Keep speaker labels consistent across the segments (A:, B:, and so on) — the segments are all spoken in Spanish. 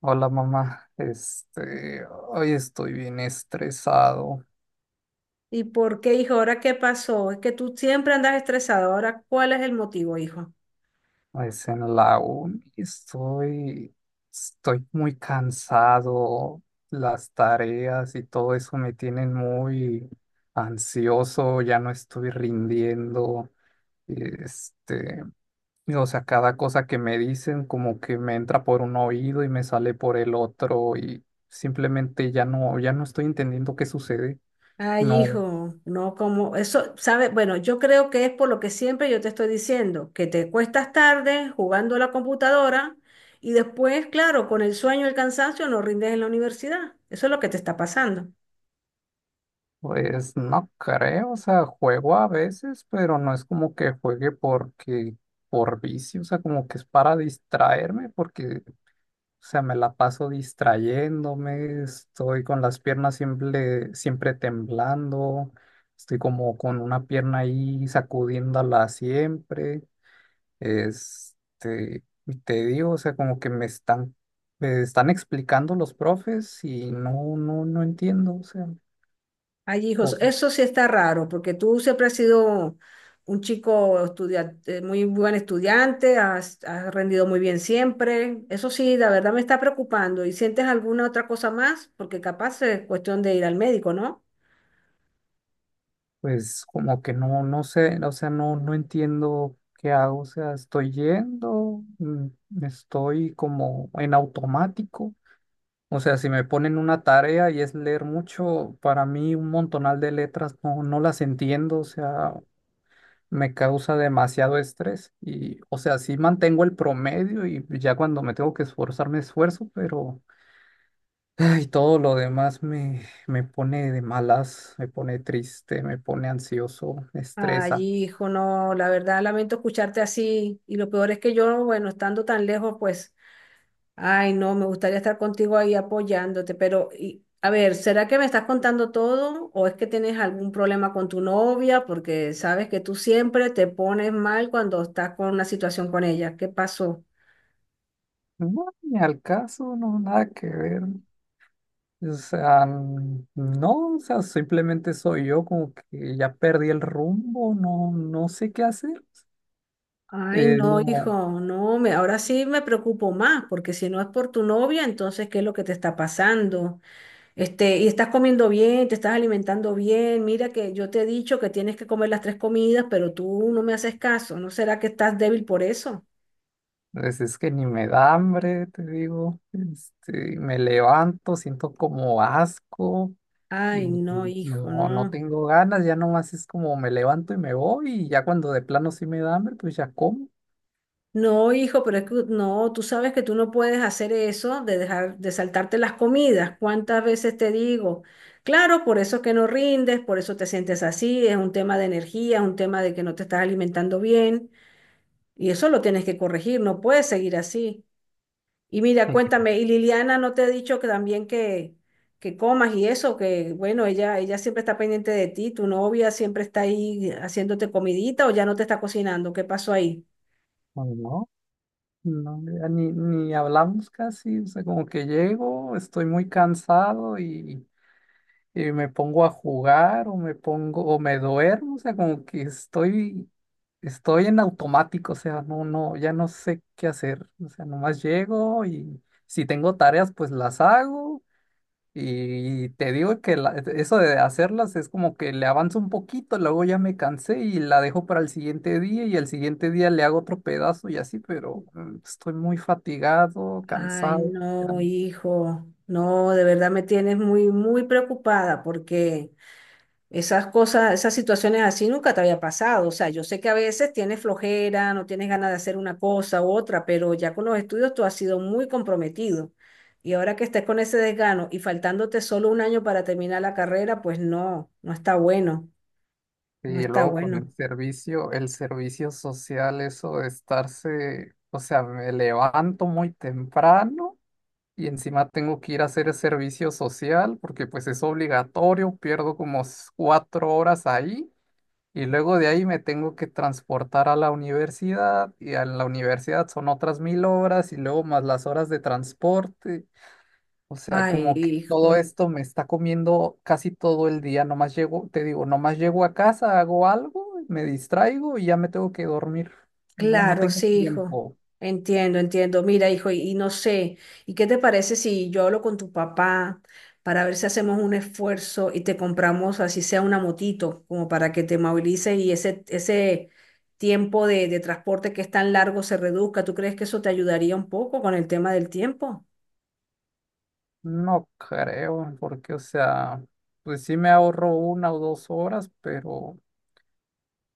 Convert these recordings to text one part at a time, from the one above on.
A: Hola, mamá. Hoy estoy bien estresado,
B: ¿Y por qué, hijo? ¿Ahora qué pasó? Es que tú siempre andas estresado. ¿Ahora cuál es el motivo, hijo?
A: es en la uni. Estoy muy cansado, las tareas y todo eso me tienen muy ansioso, ya no estoy rindiendo. este, y o sea, cada cosa que me dicen como que me entra por un oído y me sale por el otro y simplemente ya no estoy entendiendo qué sucede.
B: Ay,
A: No.
B: hijo, no como eso, sabe. Bueno, yo creo que es por lo que siempre yo te estoy diciendo, que te cuestas tarde jugando a la computadora y después, claro, con el sueño y el cansancio no rindes en la universidad. Eso es lo que te está pasando.
A: Pues no creo, o sea, juego a veces, pero no es como que juegue porque por vicio, o sea, como que es para distraerme, porque o sea, me la paso distrayéndome, estoy con las piernas siempre, siempre temblando, estoy como con una pierna ahí sacudiéndola siempre. Y te digo, o sea, como que me están explicando los profes y no entiendo, o sea.
B: Ay, hijos,
A: O
B: eso sí está raro, porque tú siempre has sido un chico estudiante, muy buen estudiante, has rendido muy bien siempre. Eso sí, la verdad me está preocupando. ¿Y sientes alguna otra cosa más? Porque capaz es cuestión de ir al médico, ¿no?
A: pues como que no, no sé, o sea, no entiendo qué hago, o sea, estoy yendo, estoy como en automático. O sea, si me ponen una tarea y es leer mucho, para mí un montonal de letras no las entiendo, o sea, me causa demasiado estrés y, o sea, sí mantengo el promedio y ya cuando me tengo que esforzar me esfuerzo, pero... Ay, todo lo demás me pone de malas, me pone triste, me pone ansioso, me
B: Ay,
A: estresa.
B: hijo, no, la verdad lamento escucharte así. Y lo peor es que yo, bueno, estando tan lejos, pues ay, no, me gustaría estar contigo ahí apoyándote, pero y, a ver, ¿será que me estás contando todo o es que tienes algún problema con tu novia? Porque sabes que tú siempre te pones mal cuando estás con una situación con ella. ¿Qué pasó?
A: No, ni al caso. No, nada que ver. O sea, no, o sea, simplemente soy yo, como que ya perdí el rumbo. No sé qué hacer.
B: Ay, no,
A: No,
B: hijo, no, me, ahora sí me preocupo más, porque si no es por tu novia, entonces, ¿qué es lo que te está pasando? Este, y estás comiendo bien, te estás alimentando bien. Mira que yo te he dicho que tienes que comer las tres comidas, pero tú no me haces caso. ¿No será que estás débil por eso?
A: pues es que ni me da hambre, te digo. Me levanto, siento como asco
B: Ay,
A: y
B: no, hijo,
A: no, no
B: no.
A: tengo ganas. Ya nomás es como me levanto y me voy, y ya cuando de plano sí me da hambre, pues ya como.
B: No, hijo, pero es que no, tú sabes que tú no puedes hacer eso de dejar de saltarte las comidas. ¿Cuántas veces te digo? Claro, por eso es que no rindes, por eso te sientes así, es un tema de energía, es un tema de que no te estás alimentando bien y eso lo tienes que corregir, no puedes seguir así. Y mira, cuéntame, ¿y Liliana no te ha dicho que también que comas y eso, que bueno, ella siempre está pendiente de ti, tu novia siempre está ahí haciéndote comidita o ya no te está cocinando? ¿Qué pasó ahí?
A: No, ya ni hablamos casi, o sea, como que llego, estoy muy cansado y me pongo a jugar o me pongo o me duermo. O sea, como que estoy en automático. O sea, ya no sé qué hacer. O sea, nomás llego y si tengo tareas, pues las hago, y te digo que eso de hacerlas es como que le avanzo un poquito, luego ya me cansé y la dejo para el siguiente día, y al siguiente día le hago otro pedazo y así, pero estoy muy fatigado,
B: Ay,
A: cansado. Ya.
B: no, hijo, no, de verdad me tienes muy, muy preocupada porque esas cosas, esas situaciones así nunca te había pasado. O sea, yo sé que a veces tienes flojera, no tienes ganas de hacer una cosa u otra, pero ya con los estudios tú has sido muy comprometido. Y ahora que estés con ese desgano y faltándote solo un año para terminar la carrera, pues no, no está bueno, no
A: Y
B: está
A: luego con
B: bueno.
A: el servicio social, eso de estarse, o sea, me levanto muy temprano y encima tengo que ir a hacer el servicio social porque pues es obligatorio, pierdo como cuatro horas ahí. Y luego de ahí me tengo que transportar a la universidad, y a la universidad son otras mil horas y luego más las horas de transporte. O sea,
B: Ay,
A: como que
B: hijo.
A: todo esto me está comiendo casi todo el día. Nomás llego, te digo, nomás llego a casa, hago algo, me distraigo y ya me tengo que dormir. No, no
B: Claro,
A: tengo
B: sí, hijo.
A: tiempo.
B: Entiendo, entiendo. Mira, hijo, y no sé, ¿y qué te parece si yo hablo con tu papá para ver si hacemos un esfuerzo y te compramos, así sea una motito, como para que te movilices y ese tiempo de transporte que es tan largo se reduzca? ¿Tú crees que eso te ayudaría un poco con el tema del tiempo?
A: No creo, porque o sea, pues sí me ahorro una o dos horas, pero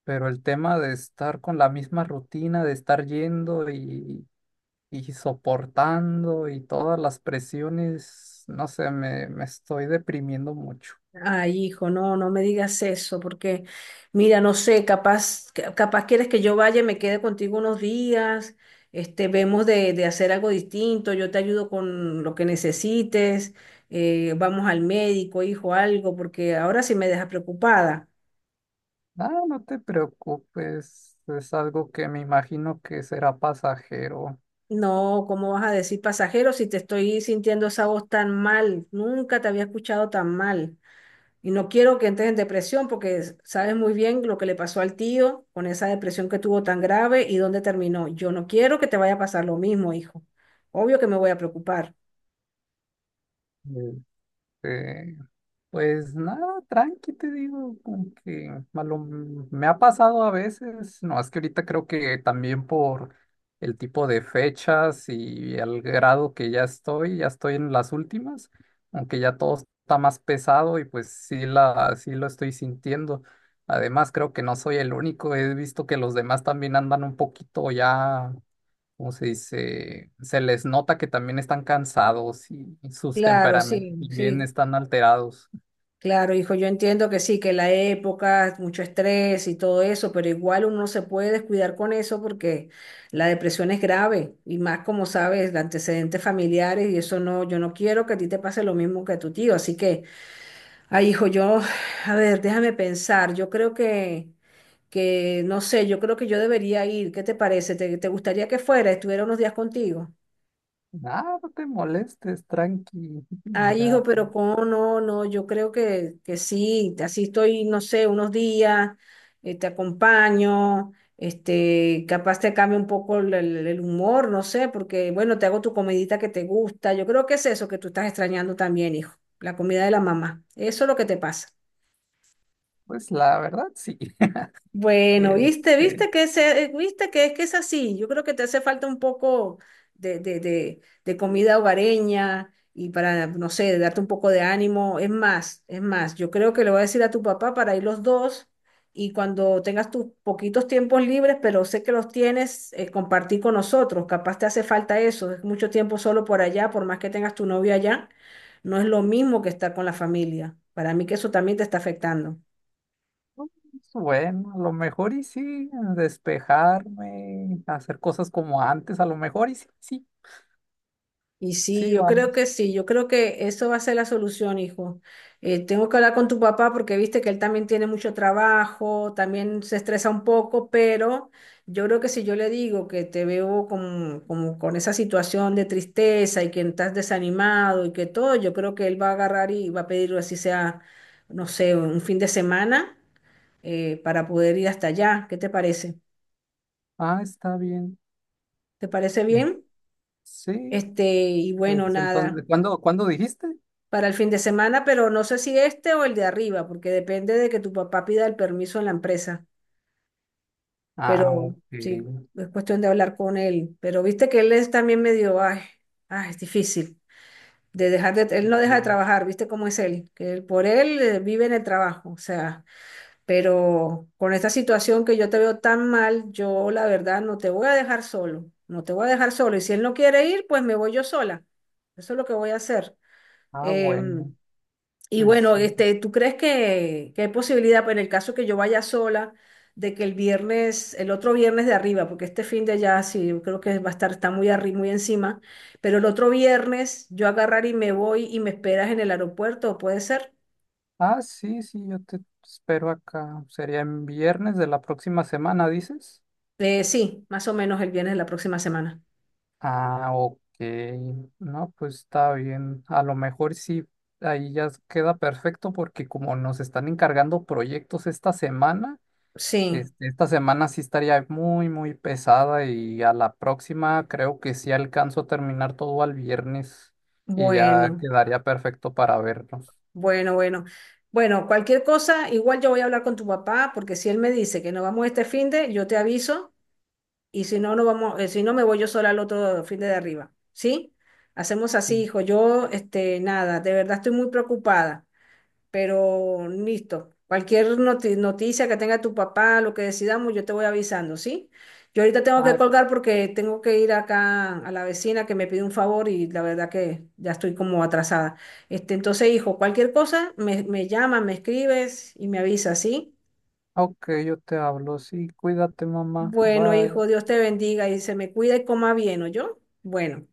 A: el tema de estar con la misma rutina, de estar yendo y soportando y todas las presiones, no sé, me estoy deprimiendo mucho.
B: Ay, hijo, no, no me digas eso, porque mira, no sé, capaz, capaz quieres que yo vaya y me quede contigo unos días, este, vemos de hacer algo distinto, yo te ayudo con lo que necesites, vamos al médico, hijo, algo, porque ahora sí me dejas preocupada.
A: Ah, no te preocupes, es algo que me imagino que será pasajero.
B: No, ¿cómo vas a decir pasajero si te estoy sintiendo esa voz tan mal? Nunca te había escuchado tan mal. Y no quiero que entres en depresión porque sabes muy bien lo que le pasó al tío con esa depresión que tuvo tan grave y dónde terminó. Yo no quiero que te vaya a pasar lo mismo, hijo. Obvio que me voy a preocupar.
A: Este, Pues nada, tranqui, te digo, como que me ha pasado a veces. No, es que ahorita creo que también por el tipo de fechas y el grado que ya estoy en las últimas, aunque ya todo está más pesado y pues sí, sí lo estoy sintiendo. Además, creo que no soy el único, he visto que los demás también andan un poquito ya, ¿cómo se dice? Se les nota que también están cansados y sus
B: Claro,
A: temperamentos
B: sí,
A: también
B: sí,
A: están alterados.
B: claro, hijo. Yo entiendo que sí, que la época, mucho estrés y todo eso, pero igual uno no se puede descuidar con eso porque la depresión es grave y más como sabes, de antecedentes familiares y eso no, yo no quiero que a ti te pase lo mismo que a tu tío. Así que... Ay, hijo, yo, a ver, déjame pensar. Yo creo que, no sé, yo creo que yo debería ir. ¿Qué te parece? ¿Te, te gustaría que fuera, estuviera unos días contigo?
A: Nada, no te molestes, tranqui.
B: Ay,
A: Ya,
B: hijo, pero cómo no, no, yo creo que sí, así estoy, no sé, unos días, te acompaño, este, capaz te cambie un poco el, el humor, no sé, porque, bueno, te hago tu comidita que te gusta. Yo creo que es eso que tú estás extrañando también, hijo, la comida de la mamá. Eso es lo que te pasa.
A: pues la verdad sí.
B: Bueno, viste,
A: Este,
B: viste que viste que es así. Yo creo que te hace falta un poco de comida hogareña y para, no sé, darte un poco de ánimo. Es más, yo creo que le voy a decir a tu papá para ir los dos y cuando tengas tus poquitos tiempos libres, pero sé que los tienes, compartir con nosotros. Capaz te hace falta eso. Es mucho tiempo solo por allá, por más que tengas tu novio allá, no es lo mismo que estar con la familia. Para mí que eso también te está afectando.
A: pues bueno, a lo mejor y sí, despejarme, hacer cosas como antes, a lo mejor y sí. Sí,
B: Y sí,
A: sí,
B: yo creo
A: vamos.
B: que sí, yo creo que eso va a ser la solución, hijo. Tengo que hablar con tu papá porque viste que él también tiene mucho trabajo, también se estresa un poco, pero yo creo que si yo le digo que te veo con esa situación de tristeza y que estás desanimado y que todo, yo creo que él va a agarrar y va a pedir así sea, no sé, un fin de semana para poder ir hasta allá. ¿Qué te parece?
A: Ah, está bien.
B: ¿Te parece
A: Eh,
B: bien?
A: Sí,
B: Este, y bueno,
A: pues
B: nada.
A: entonces, ¿cuándo, cuándo dijiste?
B: Para el fin de semana, pero no sé si este o el de arriba, porque depende de que tu papá pida el permiso en la empresa.
A: Ah,
B: Pero sí,
A: ok.
B: es cuestión de hablar con él. Pero viste que él es también medio, ay, ay, es difícil de dejar de, él no deja de trabajar, viste cómo es él, que por él vive en el trabajo, o sea, pero con esta situación que yo te veo tan mal, yo la verdad no te voy a dejar solo, no te voy a dejar solo. Y si él no quiere ir, pues me voy yo sola. Eso es lo que voy a hacer.
A: Ah,
B: Em,
A: bueno,
B: Y
A: pues
B: bueno,
A: sí.
B: este, ¿tú crees que hay posibilidad, pues, en el caso que yo vaya sola, de que el viernes, el otro viernes de arriba, porque este fin de ya sí, yo creo que va a estar, está muy arriba, muy encima, pero el otro viernes yo agarrar y me voy y me esperas en el aeropuerto, ¿puede ser?
A: Ah, sí, sí, yo te espero acá. Sería en viernes de la próxima semana, ¿dices?
B: Sí, más o menos el viernes de la próxima semana.
A: Ah, ok. No, pues está bien. A lo mejor sí, ahí ya queda perfecto porque como nos están encargando proyectos esta semana.
B: Sí,
A: Esta semana sí estaría muy, muy pesada, y a la próxima creo que sí alcanzo a terminar todo al viernes y ya
B: bueno,
A: quedaría perfecto para vernos.
B: bueno, bueno. Bueno, cualquier cosa, igual yo voy a hablar con tu papá, porque si él me dice que no vamos este fin de, yo te aviso y si no, no vamos, si no me voy yo sola al otro fin de arriba, ¿sí? Hacemos así,
A: Sí.
B: hijo. Yo, este, nada, de verdad estoy muy preocupada, pero listo. Cualquier noticia que tenga tu papá, lo que decidamos, yo te voy avisando, ¿sí? Yo ahorita tengo que
A: Ah,
B: colgar porque tengo que ir acá a la vecina que me pide un favor y la verdad que ya estoy como atrasada. Este, entonces, hijo, cualquier cosa, me llamas, me escribes y me avisas, ¿sí?
A: ok, yo te hablo. Sí, cuídate, mamá.
B: Bueno,
A: Bye.
B: hijo, Dios te bendiga y se me cuida y coma bien, ¿oyó? Bueno.